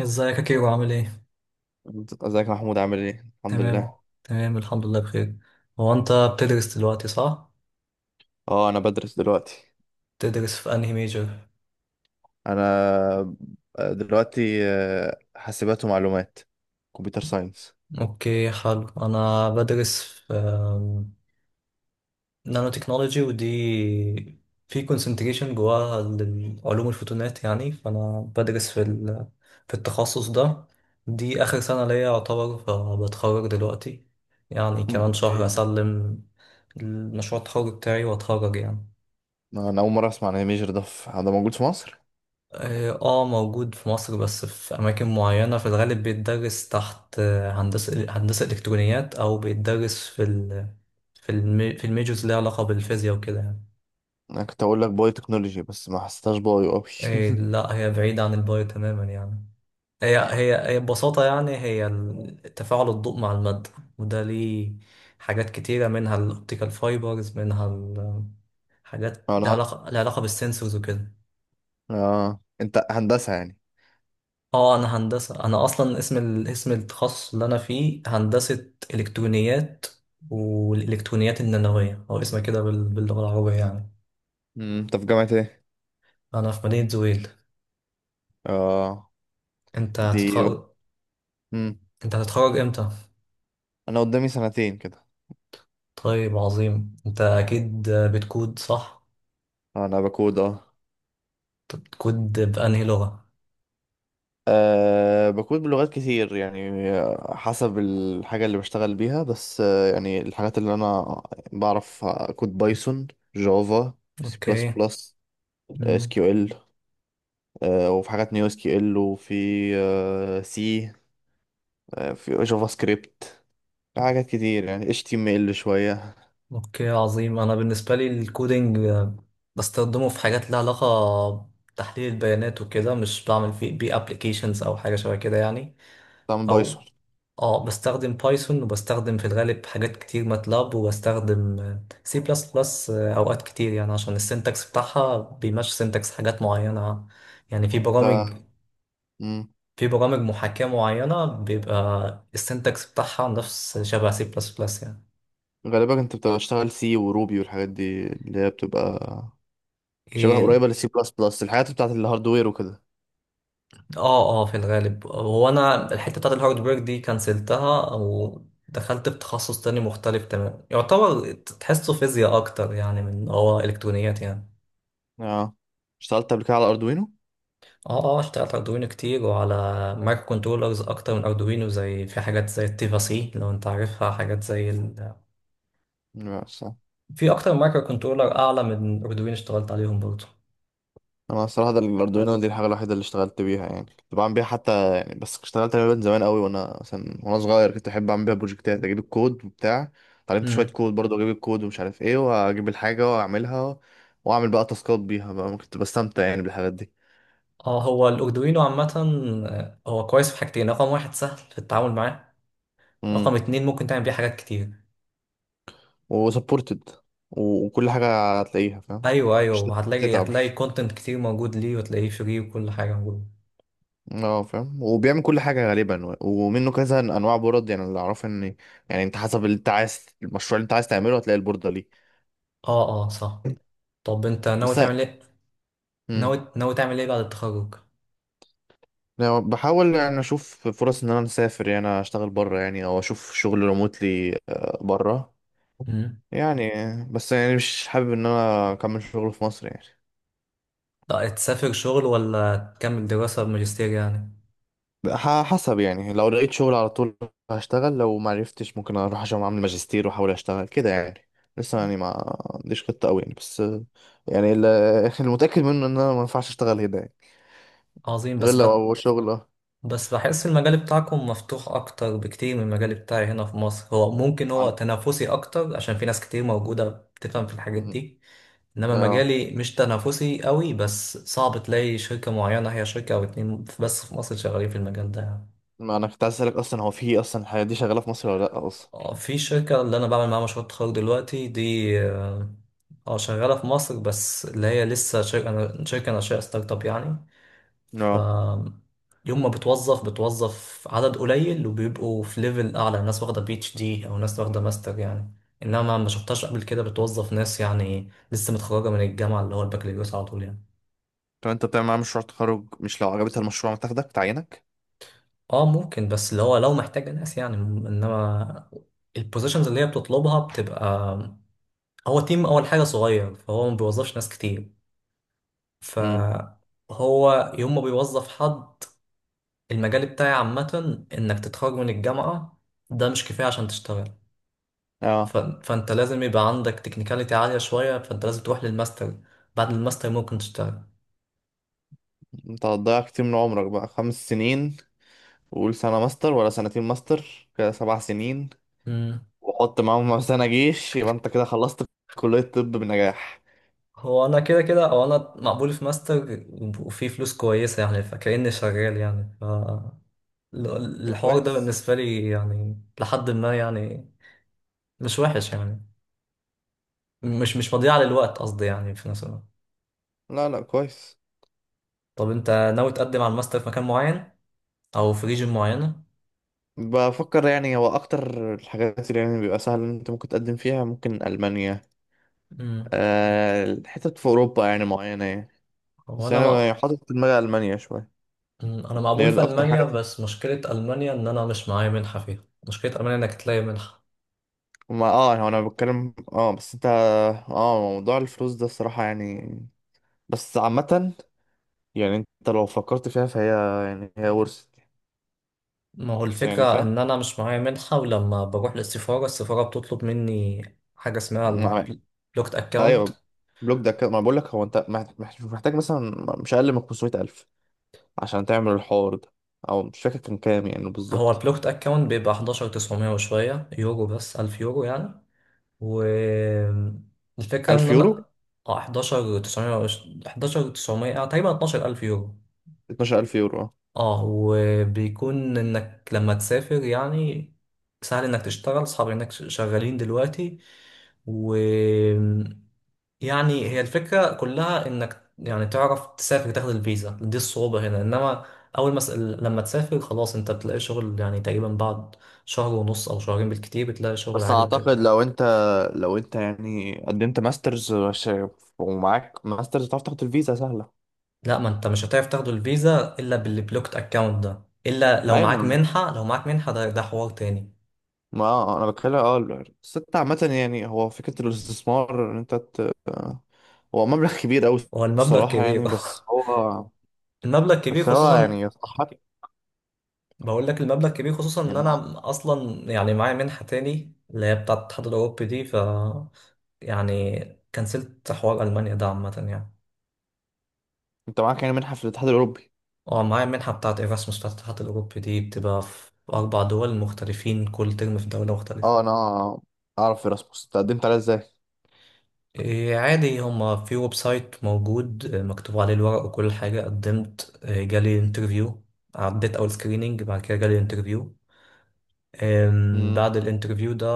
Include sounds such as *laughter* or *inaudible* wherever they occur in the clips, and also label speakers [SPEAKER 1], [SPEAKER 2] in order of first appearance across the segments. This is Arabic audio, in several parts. [SPEAKER 1] ازيك يا كيرو عامل ايه؟
[SPEAKER 2] ازيك يا محمود؟ عامل ايه؟ الحمد
[SPEAKER 1] تمام
[SPEAKER 2] لله.
[SPEAKER 1] تمام الحمد لله بخير. هو انت بتدرس دلوقتي صح؟
[SPEAKER 2] اه، انا بدرس دلوقتي.
[SPEAKER 1] بتدرس في انهي ميجر؟
[SPEAKER 2] انا دلوقتي حاسبات ومعلومات، كمبيوتر ساينس.
[SPEAKER 1] اوكي، حلو. انا بدرس في نانو تكنولوجي، ودي في كونسنتريشن جواها للعلوم، الفوتونات يعني. فانا بدرس في في التخصص ده. دي اخر سنة ليا يعتبر، فبتخرج دلوقتي يعني، كمان شهر اسلم المشروع التخرج بتاعي واتخرج يعني.
[SPEAKER 2] انا اول مره اسمع عن الميجر ده. ده موجود في مصر؟
[SPEAKER 1] اه، موجود في مصر، بس في أماكن معينة. في الغالب بيتدرس تحت هندسة إلكترونيات، أو بيتدرس في الميجورز اللي ليها علاقة بالفيزياء وكده يعني.
[SPEAKER 2] انا كنت اقول لك باي تكنولوجي، بس ما حسيتهاش بايو قوي.
[SPEAKER 1] إيه،
[SPEAKER 2] *laughs*
[SPEAKER 1] لا، هي بعيدة عن البايو تماما يعني. هي ببساطة يعني، تفاعل الضوء مع المادة، وده ليه حاجات كتيرة، منها الأوبتيكال فايبرز، منها حاجات لها
[SPEAKER 2] انا
[SPEAKER 1] علاقة لها علاقة بالسنسورز وكده.
[SPEAKER 2] اه انت هندسه يعني؟
[SPEAKER 1] اه، انا هندسه. انا اصلا اسم اسم التخصص اللي انا فيه هندسه الكترونيات، والالكترونيات النانويه هو اسمها كده باللغه العربيه يعني.
[SPEAKER 2] انت في جامعه ايه؟
[SPEAKER 1] انا في مدينه زويل.
[SPEAKER 2] اه.
[SPEAKER 1] انت
[SPEAKER 2] دي
[SPEAKER 1] هتتخرج
[SPEAKER 2] مم.
[SPEAKER 1] انت هتتخرج امتى؟
[SPEAKER 2] انا قدامي 2 سنين كده.
[SPEAKER 1] طيب، عظيم. انت اكيد بتكود صح؟
[SPEAKER 2] انا بكود، اه.
[SPEAKER 1] طب بتكود بانهي لغه؟
[SPEAKER 2] بكود بلغات كتير يعني. حسب الحاجة اللي بشتغل بيها. بس يعني الحاجات اللي أنا بعرف: كود، بايثون، جافا، سي بلس
[SPEAKER 1] اوكي.
[SPEAKER 2] بلس، اس
[SPEAKER 1] مم.
[SPEAKER 2] كيو ال، وفي حاجات نيو اس كيو ال، وفي أه سي، في جافا سكريبت، في حاجات كتير يعني، اتش تي ام ال شوية.
[SPEAKER 1] اوكي، عظيم. انا بالنسبه لي الكودينج، بستخدمه في حاجات لها علاقه بتحليل البيانات وكده، مش بعمل بيه ابلكيشنز او حاجه شبه كده يعني.
[SPEAKER 2] طبعا
[SPEAKER 1] او
[SPEAKER 2] بايثون.
[SPEAKER 1] اه، بستخدم بايثون، وبستخدم في الغالب حاجات كتير ماتلاب، وبستخدم سي بلس بلس اوقات كتير يعني، عشان السنتكس بتاعها بيمشي سنتكس حاجات معينة يعني.
[SPEAKER 2] انت مم.
[SPEAKER 1] في برامج محاكاة معينة بيبقى السنتكس بتاعها نفس شبه سي بلس بلس يعني.
[SPEAKER 2] غالبا انت بتبقى بتشتغل سي وروبي، والحاجات دي اللي هي بتبقى شبه
[SPEAKER 1] إيه،
[SPEAKER 2] قريبة للسي بلس بلس، الحاجات بتاعت الهاردوير وكده.
[SPEAKER 1] اه، في الغالب، هو انا الحتة بتاعت الهاردوير دي كنسلتها، او دخلت في تخصص تاني مختلف تماما، يعتبر تحسه فيزياء اكتر يعني من هو الكترونيات يعني.
[SPEAKER 2] اه، اشتغلت قبل كده على اردوينو.
[SPEAKER 1] اه، اشتغلت اردوينو كتير، وعلى مايكرو كنترولرز اكتر من اردوينو. زي في حاجات زي التيفا سي لو انت عارفها، حاجات زي
[SPEAKER 2] لا، صح.
[SPEAKER 1] في اكتر من مايكرو كنترولر اعلى من اردوينو اشتغلت عليهم برضه.
[SPEAKER 2] انا الصراحه ده الاردوينو دي الحاجه الوحيده اللي اشتغلت بيها يعني، كنت بعمل بيها حتى يعني، بس اشتغلت عليها من زمان قوي، وانا مثلا وانا صغير كنت احب اعمل بيها بروجكتات، اجيب الكود وبتاع، اتعلمت شويه
[SPEAKER 1] امم.
[SPEAKER 2] كود برضه، اجيب الكود ومش عارف ايه، واجيب الحاجه واعملها، واعمل بقى تاسكات بيها بقى. كنت بستمتع يعني بالحاجات دي.
[SPEAKER 1] اه، هو الاردوينو عامة، هو كويس في حاجتين. رقم واحد، سهل في التعامل معاه.
[SPEAKER 2] امم.
[SPEAKER 1] رقم اتنين، ممكن تعمل بيه حاجات كتير.
[SPEAKER 2] وسبورتد، وكل حاجه هتلاقيها فاهم.
[SPEAKER 1] ايوه، ايوه،
[SPEAKER 2] مش
[SPEAKER 1] وهتلاقي
[SPEAKER 2] تتعب.
[SPEAKER 1] هتلاقي كونتنت كتير موجود ليه، وتلاقيه فري، وكل حاجة موجودة.
[SPEAKER 2] اه، فاهم، وبيعمل كل حاجة غالبا، ومنه كذا انواع بورد يعني، اللي اعرفه ان يعني انت حسب اللي انت عايز، المشروع اللي انت عايز تعمله هتلاقي البوردة ليه.
[SPEAKER 1] اه، صح. طب انت ناوي
[SPEAKER 2] بس.
[SPEAKER 1] تعمل ايه؟
[SPEAKER 2] امم.
[SPEAKER 1] ناوي تعمل ايه بعد التخرج؟
[SPEAKER 2] يعني بحاول يعني اشوف فرص ان انا مسافر يعني، اشتغل بره يعني او اشوف شغل ريموتلي بره يعني. بس يعني مش حابب ان انا اكمل شغل في مصر يعني.
[SPEAKER 1] لا تسافر شغل ولا تكمل دراسة بماجستير يعني؟
[SPEAKER 2] حسب يعني، لو لقيت شغل على طول هشتغل، لو ما عرفتش ممكن اروح عشان اعمل ماجستير واحاول اشتغل كده يعني. لسه يعني ما عنديش خطة قوي يعني، بس يعني *laughs* المتأكد منه ان انا ما ينفعش اشتغل هنا يعني،
[SPEAKER 1] عظيم.
[SPEAKER 2] غير لو اول شغل اه.
[SPEAKER 1] بس بحس المجال بتاعكم مفتوح أكتر بكتير من المجال بتاعي هنا في مصر. هو ممكن
[SPEAKER 2] عن-
[SPEAKER 1] تنافسي أكتر عشان في ناس كتير موجودة بتفهم في الحاجات
[SPEAKER 2] م.
[SPEAKER 1] دي. إنما
[SPEAKER 2] اه،
[SPEAKER 1] مجالي مش تنافسي قوي، بس صعب تلاقي شركة معينة. هي شركة أو اتنين بس في مصر شغالين في المجال ده يعني.
[SPEAKER 2] ما انا كنت عايز اسالك اصلا، هو في اصلا الحاجات دي شغالة في مصر ولا لا اصلا؟
[SPEAKER 1] في شركة اللي أنا بعمل معاها مشروع تخرج دلوقتي دي، اه، شغالة في مصر، بس اللي هي لسه شركة ناشئة، ستارت اب يعني. ف
[SPEAKER 2] اه،
[SPEAKER 1] يوم ما بتوظف عدد قليل، وبيبقوا في ليفل اعلى، ناس واخده بي اتش دي او ناس واخده ماستر يعني. انما ما شفتهاش قبل كده بتوظف ناس يعني لسه متخرجه من الجامعه، اللي هو البكالوريوس، على طول يعني.
[SPEAKER 2] طب انت بتعمل معاه مشروع تخرج، مش لو عجبتها المشروع ما تاخدك تعينك؟
[SPEAKER 1] اه، ممكن، بس اللي هو لو محتاجه ناس يعني، انما البوزيشنز اللي هي بتطلبها بتبقى، هو تيم اول حاجه صغير، فهو ما بيوظفش ناس كتير.
[SPEAKER 2] امم.
[SPEAKER 1] فهو يوم ما بيوظف حد، المجال بتاعي عامه انك تتخرج من الجامعه ده مش كفايه عشان تشتغل.
[SPEAKER 2] اه،
[SPEAKER 1] فانت لازم يبقى عندك تكنيكاليتي عالية شوية، فانت لازم تروح للماستر. بعد الماستر ممكن تشتغل.
[SPEAKER 2] انت هتضيع كتير من عمرك بقى، 5 سنين، وقول سنة ماستر ولا 2 سنين ماستر، كده 7 سنين،
[SPEAKER 1] مم.
[SPEAKER 2] وحط معاهم سنة جيش يبقى انت كده خلصت كلية طب بنجاح.
[SPEAKER 1] هو انا كده كده، او انا مقبول في ماستر، وفي فلوس كويسة يعني، فكأني شغال يعني. ف ال-
[SPEAKER 2] طب
[SPEAKER 1] الحوار ده
[SPEAKER 2] كويس.
[SPEAKER 1] بالنسبة لي يعني لحد ما يعني، مش وحش يعني، مش مضيعة للوقت قصدي يعني، في نفس الوقت.
[SPEAKER 2] لا لا، كويس.
[SPEAKER 1] طب انت ناوي تقدم على الماستر في مكان معين او في ريجن معينة؟
[SPEAKER 2] بفكر يعني، هو أكتر الحاجات اللي يعني بيبقى سهل إن أنت ممكن تقدم فيها ممكن ألمانيا،
[SPEAKER 1] مم.
[SPEAKER 2] حتت في أوروبا يعني معينة يعني،
[SPEAKER 1] هو
[SPEAKER 2] بس
[SPEAKER 1] انا
[SPEAKER 2] أنا يعني حاطط في دماغي ألمانيا شوية.
[SPEAKER 1] انا
[SPEAKER 2] هي
[SPEAKER 1] مقبول في
[SPEAKER 2] أكتر حاجة
[SPEAKER 1] المانيا، بس مشكله المانيا ان انا مش معايا منحه فيها. مشكله المانيا انك تلاقي منحه.
[SPEAKER 2] ما اه يعني، هو أنا بتكلم اه، بس أنت اه، موضوع الفلوس ده الصراحة يعني. بس عامة، يعني أنت لو فكرت فيها فهي يعني هي ورثة.
[SPEAKER 1] ما هو
[SPEAKER 2] بس يعني.
[SPEAKER 1] الفكره ان انا مش معايا منحه، ولما بروح للسفاره، السفاره بتطلب مني حاجه اسمها
[SPEAKER 2] فاهم.
[SPEAKER 1] البلوكت اكاونت.
[SPEAKER 2] ايوه. بلوك ده كده، ما بقول لك هو انت محتاج مثلا مش اقل من 500,000 عشان تعمل الحوار ده، او مش فاكر كان كام يعني
[SPEAKER 1] هو
[SPEAKER 2] بالظبط.
[SPEAKER 1] البلوكت اكاونت بيبقى 11900 وشويه يورو، بس 1000 يورو يعني، والفكره ان
[SPEAKER 2] 1000 يورو.
[SPEAKER 1] انا، اه، 11900 تقريبا 12000 يورو.
[SPEAKER 2] 12,000 يورو اه.
[SPEAKER 1] اه، وبيكون انك لما تسافر يعني سهل انك تشتغل. اصحابي انك شغالين دلوقتي، و يعني هي الفكرة كلها انك يعني تعرف تسافر تاخد الفيزا. دي الصعوبة هنا. انما اول ما لما تسافر خلاص، انت بتلاقي شغل يعني تقريبا بعد شهر ونص او شهرين بالكتير، بتلاقي شغل
[SPEAKER 2] بس
[SPEAKER 1] عادي
[SPEAKER 2] اعتقد
[SPEAKER 1] وكده.
[SPEAKER 2] لو انت، لو انت يعني قدمت ماسترز ومعاك ماسترز تعرف تاخد الفيزا سهله.
[SPEAKER 1] لا، ما انت مش هتعرف تاخد الفيزا الا بالبلوكت اكاونت ده، الا لو
[SPEAKER 2] ايوه،
[SPEAKER 1] معاك
[SPEAKER 2] ما
[SPEAKER 1] منحة لو معاك منحة ده حوار تاني.
[SPEAKER 2] ما آه، انا بتكلم، اه بس انت عامه يعني، هو فكره الاستثمار ان انت ت... هو مبلغ كبير قوي
[SPEAKER 1] هو المبلغ
[SPEAKER 2] الصراحه
[SPEAKER 1] كبير.
[SPEAKER 2] يعني، بس
[SPEAKER 1] *laughs*
[SPEAKER 2] هو،
[SPEAKER 1] المبلغ كبير
[SPEAKER 2] بس هو
[SPEAKER 1] خصوصا.
[SPEAKER 2] يعني يستحق.
[SPEAKER 1] بقول لك المبلغ كبير خصوصا ان
[SPEAKER 2] يعني
[SPEAKER 1] انا اصلا يعني معايا منحة تاني اللي هي بتاعة الاتحاد الاوروبي دي. ف يعني كنسلت حوار المانيا ده عامة يعني.
[SPEAKER 2] انت معاك يعني منحة في الاتحاد الاوروبي؟
[SPEAKER 1] اه، معايا منحة بتاعة ايراسموس بتاعة الاتحاد الاوروبي، دي بتبقى في 4 دول مختلفين، كل ترم في دولة مختلفة.
[SPEAKER 2] اه انا اعرف ايراسموس، تقدمت عليها ازاي؟
[SPEAKER 1] إيه، عادي، هما في ويب سايت موجود، مكتوب عليه الورق وكل حاجة. قدمت، جالي انترفيو. عديت اول سكريننج، بعد كده جالي انترفيو.
[SPEAKER 2] امم.
[SPEAKER 1] بعد الانترفيو ده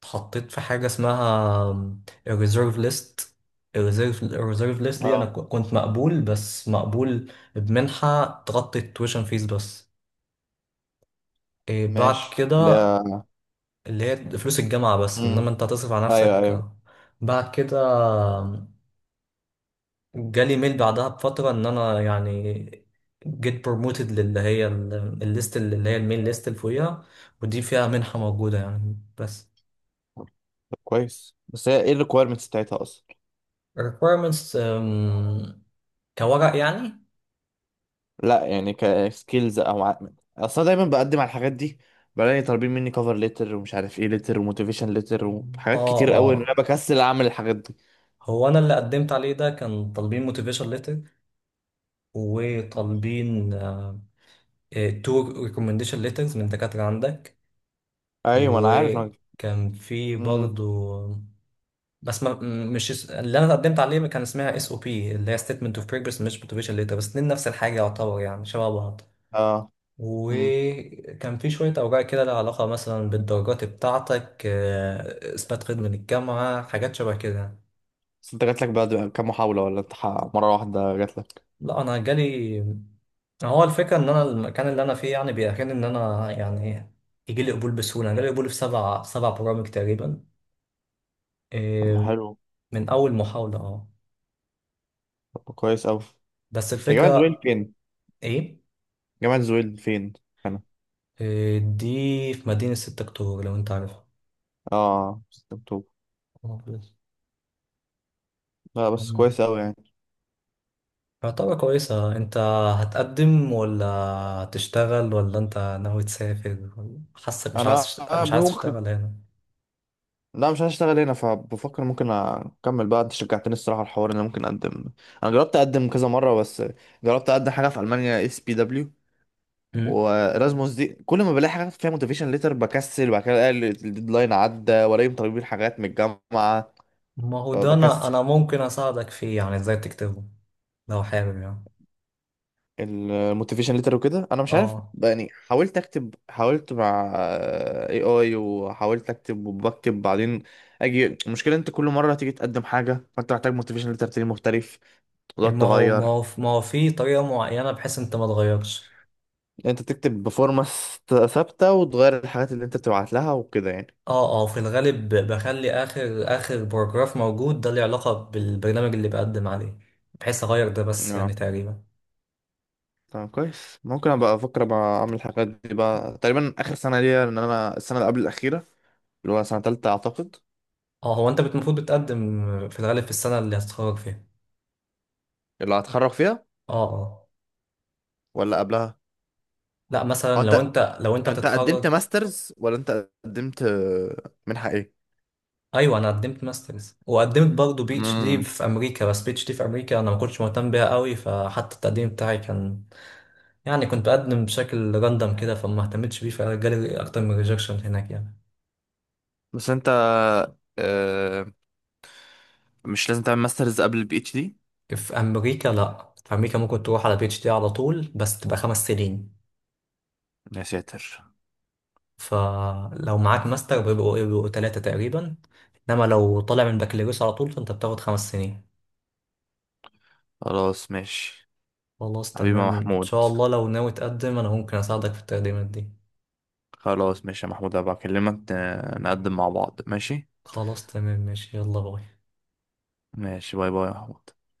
[SPEAKER 1] اتحطيت في حاجة اسمها الريزيرف ليست. الريزيرف ليست دي، أنا
[SPEAKER 2] اه.
[SPEAKER 1] كنت مقبول، بس مقبول بمنحة تغطي التويشن فيس بس. إيه، بعد
[SPEAKER 2] ماشي اللي
[SPEAKER 1] كده،
[SPEAKER 2] هي.
[SPEAKER 1] اللي هي فلوس الجامعة بس،
[SPEAKER 2] امم.
[SPEAKER 1] إنما أنت هتصرف على
[SPEAKER 2] ايوه ايوه.
[SPEAKER 1] نفسك. بعد كده جالي ميل بعدها بفترة إن أنا يعني جيت بروموتد للي هي الليست اللي هي الميل ليست اللي فوقيها، ودي فيها منحة موجودة يعني. بس
[SPEAKER 2] طب كويس، بس هي ايه الريكويرمنتس بتاعتها اصلا؟
[SPEAKER 1] requirements، كورق يعني.
[SPEAKER 2] لا يعني كسكيلز او ع... اصلا دايما بقدم على الحاجات دي بلاقي طالبين مني كفر ليتر ومش عارف ايه ليتر، وموتيفيشن ليتر،
[SPEAKER 1] اه
[SPEAKER 2] وحاجات كتير قوي ان
[SPEAKER 1] اه
[SPEAKER 2] انا بكسل اعمل الحاجات دي.
[SPEAKER 1] هو انا اللي قدمت عليه ده كان طالبين موتيفيشن ليتر، وطالبين تو ريكومنديشن ليترز من دكاترة عندك،
[SPEAKER 2] ايوه، ما انا عارف انا.
[SPEAKER 1] وكان في
[SPEAKER 2] امم.
[SPEAKER 1] برضو، بس ما م- مش اس- اللي انا قدمت عليه كان اسمها اس او بي، اللي هي ستيتمنت اوف بروجرس، مش موتيفيشن ليتر، بس اتنين نفس الحاجة يعتبر يعني، شبه بعض.
[SPEAKER 2] اه. امم.
[SPEAKER 1] وكان في شوية أوراق كده لها علاقة مثلا بالدرجات بتاعتك، إثبات خدمة للجامعة، حاجات شبه كده.
[SPEAKER 2] بس انت جاتلك بعد كام محاولة، ولا انت مرة واحدة جاتلك؟
[SPEAKER 1] لا، أنا جالي، هو الفكرة إن أنا المكان اللي أنا فيه يعني بيأهلني إن أنا يعني يجي لي قبول بسهولة. أنا جالي قبول في سبع برامج تقريبا.
[SPEAKER 2] طب ما
[SPEAKER 1] إيه،
[SPEAKER 2] حلو.
[SPEAKER 1] من أول محاولة، أه.
[SPEAKER 2] طب كويس قوي.
[SPEAKER 1] بس
[SPEAKER 2] يا جماعة دول
[SPEAKER 1] الفكرة،
[SPEAKER 2] فين؟
[SPEAKER 1] إيه؟
[SPEAKER 2] جامعة زويل فين؟ أنا.
[SPEAKER 1] إيه، دي في مدينة 6 أكتوبر لو أنت عارفها.
[SPEAKER 2] 6 أكتوبر.
[SPEAKER 1] آه، كويس.
[SPEAKER 2] لا بس
[SPEAKER 1] مم.
[SPEAKER 2] كويس أوي يعني.
[SPEAKER 1] يعتبر كويسة. أنت هتقدم، ولا هتشتغل، ولا أنت ناوي تسافر، ولا حاسك مش عايز
[SPEAKER 2] أنا
[SPEAKER 1] مش عايز تشتغل
[SPEAKER 2] ممكن،
[SPEAKER 1] هنا؟
[SPEAKER 2] لا مش هشتغل هنا، فبفكر ممكن أكمل بقى. أنت شجعتني الصراحة الحوار، إن أنا ممكن أقدم. أنا جربت أقدم كذا مرة، بس جربت أقدم حاجة في ألمانيا اس بي دبليو،
[SPEAKER 1] مم.
[SPEAKER 2] وإرازموس دي، كل ما بلاقي حاجة فيها موتيفيشن ليتر بكسل، وبعد كده ألاقي الديدلاين عدى ولاقيهم طالبين حاجات من الجامعة
[SPEAKER 1] ما هو ده أنا
[SPEAKER 2] فبكسل
[SPEAKER 1] أنا ممكن أساعدك فيه يعني إزاي تكتبه لو حابب يعني.
[SPEAKER 2] الموتيفيشن ليتر وكده، انا مش عارف
[SPEAKER 1] اه،
[SPEAKER 2] بقى، يعني حاولت اكتب، حاولت مع اي اي، وحاولت اكتب وبكتب بعدين اجي المشكله. انت كل مره تيجي تقدم حاجه فانت محتاج موتيفيشن ليتر تاني مختلف، وتقعد
[SPEAKER 1] ما هو ما
[SPEAKER 2] تغير.
[SPEAKER 1] هو ما هو في طريقة معينة بحيث انت ما تغيرش.
[SPEAKER 2] انت تكتب بفورمه ثابته وتغير الحاجات اللي انت بتبعت لها وكده يعني.
[SPEAKER 1] اه، في الغالب بخلي اخر باراجراف موجود ده له علاقة بالبرنامج اللي بقدم عليه، بحيث اغير ده بس يعني
[SPEAKER 2] اه،
[SPEAKER 1] تقريبا.
[SPEAKER 2] طب كويس، ممكن ابقى افكر ابقى اعمل الحاجات دي بقى تقريبا اخر سنه ليا، ان انا السنه اللي قبل الاخيره، اللي هو سنه تالته اعتقد.
[SPEAKER 1] اه، هو انت المفروض بتقدم في الغالب في السنة اللي هتتخرج فيها.
[SPEAKER 2] اللي هتخرج فيها
[SPEAKER 1] اه، اه،
[SPEAKER 2] ولا قبلها؟
[SPEAKER 1] لا،
[SPEAKER 2] هو
[SPEAKER 1] مثلا لو
[SPEAKER 2] انت،
[SPEAKER 1] انت،
[SPEAKER 2] انت قدمت
[SPEAKER 1] هتتخرج،
[SPEAKER 2] ماسترز ولا انت قدمت منحة ايه؟
[SPEAKER 1] ايوه. انا قدمت ماسترز، وقدمت برضه بي اتش دي
[SPEAKER 2] امم.
[SPEAKER 1] في امريكا. بس بي اتش دي في امريكا انا ما كنتش مهتم بيها قوي، فحتى التقديم بتاعي كان يعني، كنت بقدم بشكل راندم كده، فما اهتمتش بيه، فجالي اكتر من ريجكشن هناك يعني.
[SPEAKER 2] بس انت آه مش لازم تعمل ماسترز قبل البي اتش دي؟
[SPEAKER 1] في امريكا، لا، في امريكا ممكن تروح على بي اتش دي على طول، بس تبقى 5 سنين.
[SPEAKER 2] يا ساتر.
[SPEAKER 1] فلو معاك ماستر بيبقوا ايه، بيبقوا تلاتة تقريبا. انما لو طالع من بكالوريوس على طول فانت بتاخد 5 سنين.
[SPEAKER 2] خلاص ماشي.
[SPEAKER 1] خلاص،
[SPEAKER 2] حبيبي يا
[SPEAKER 1] تمام، ان
[SPEAKER 2] محمود.
[SPEAKER 1] شاء الله. لو ناوي تقدم انا ممكن اساعدك في التقديمات دي.
[SPEAKER 2] خلاص ماشي يا محمود، هبقى اكلمك، نقدم مع بعض. ماشي.
[SPEAKER 1] خلاص، تمام، ماشي، يلا باي.
[SPEAKER 2] ماشي، باي باي يا محمود.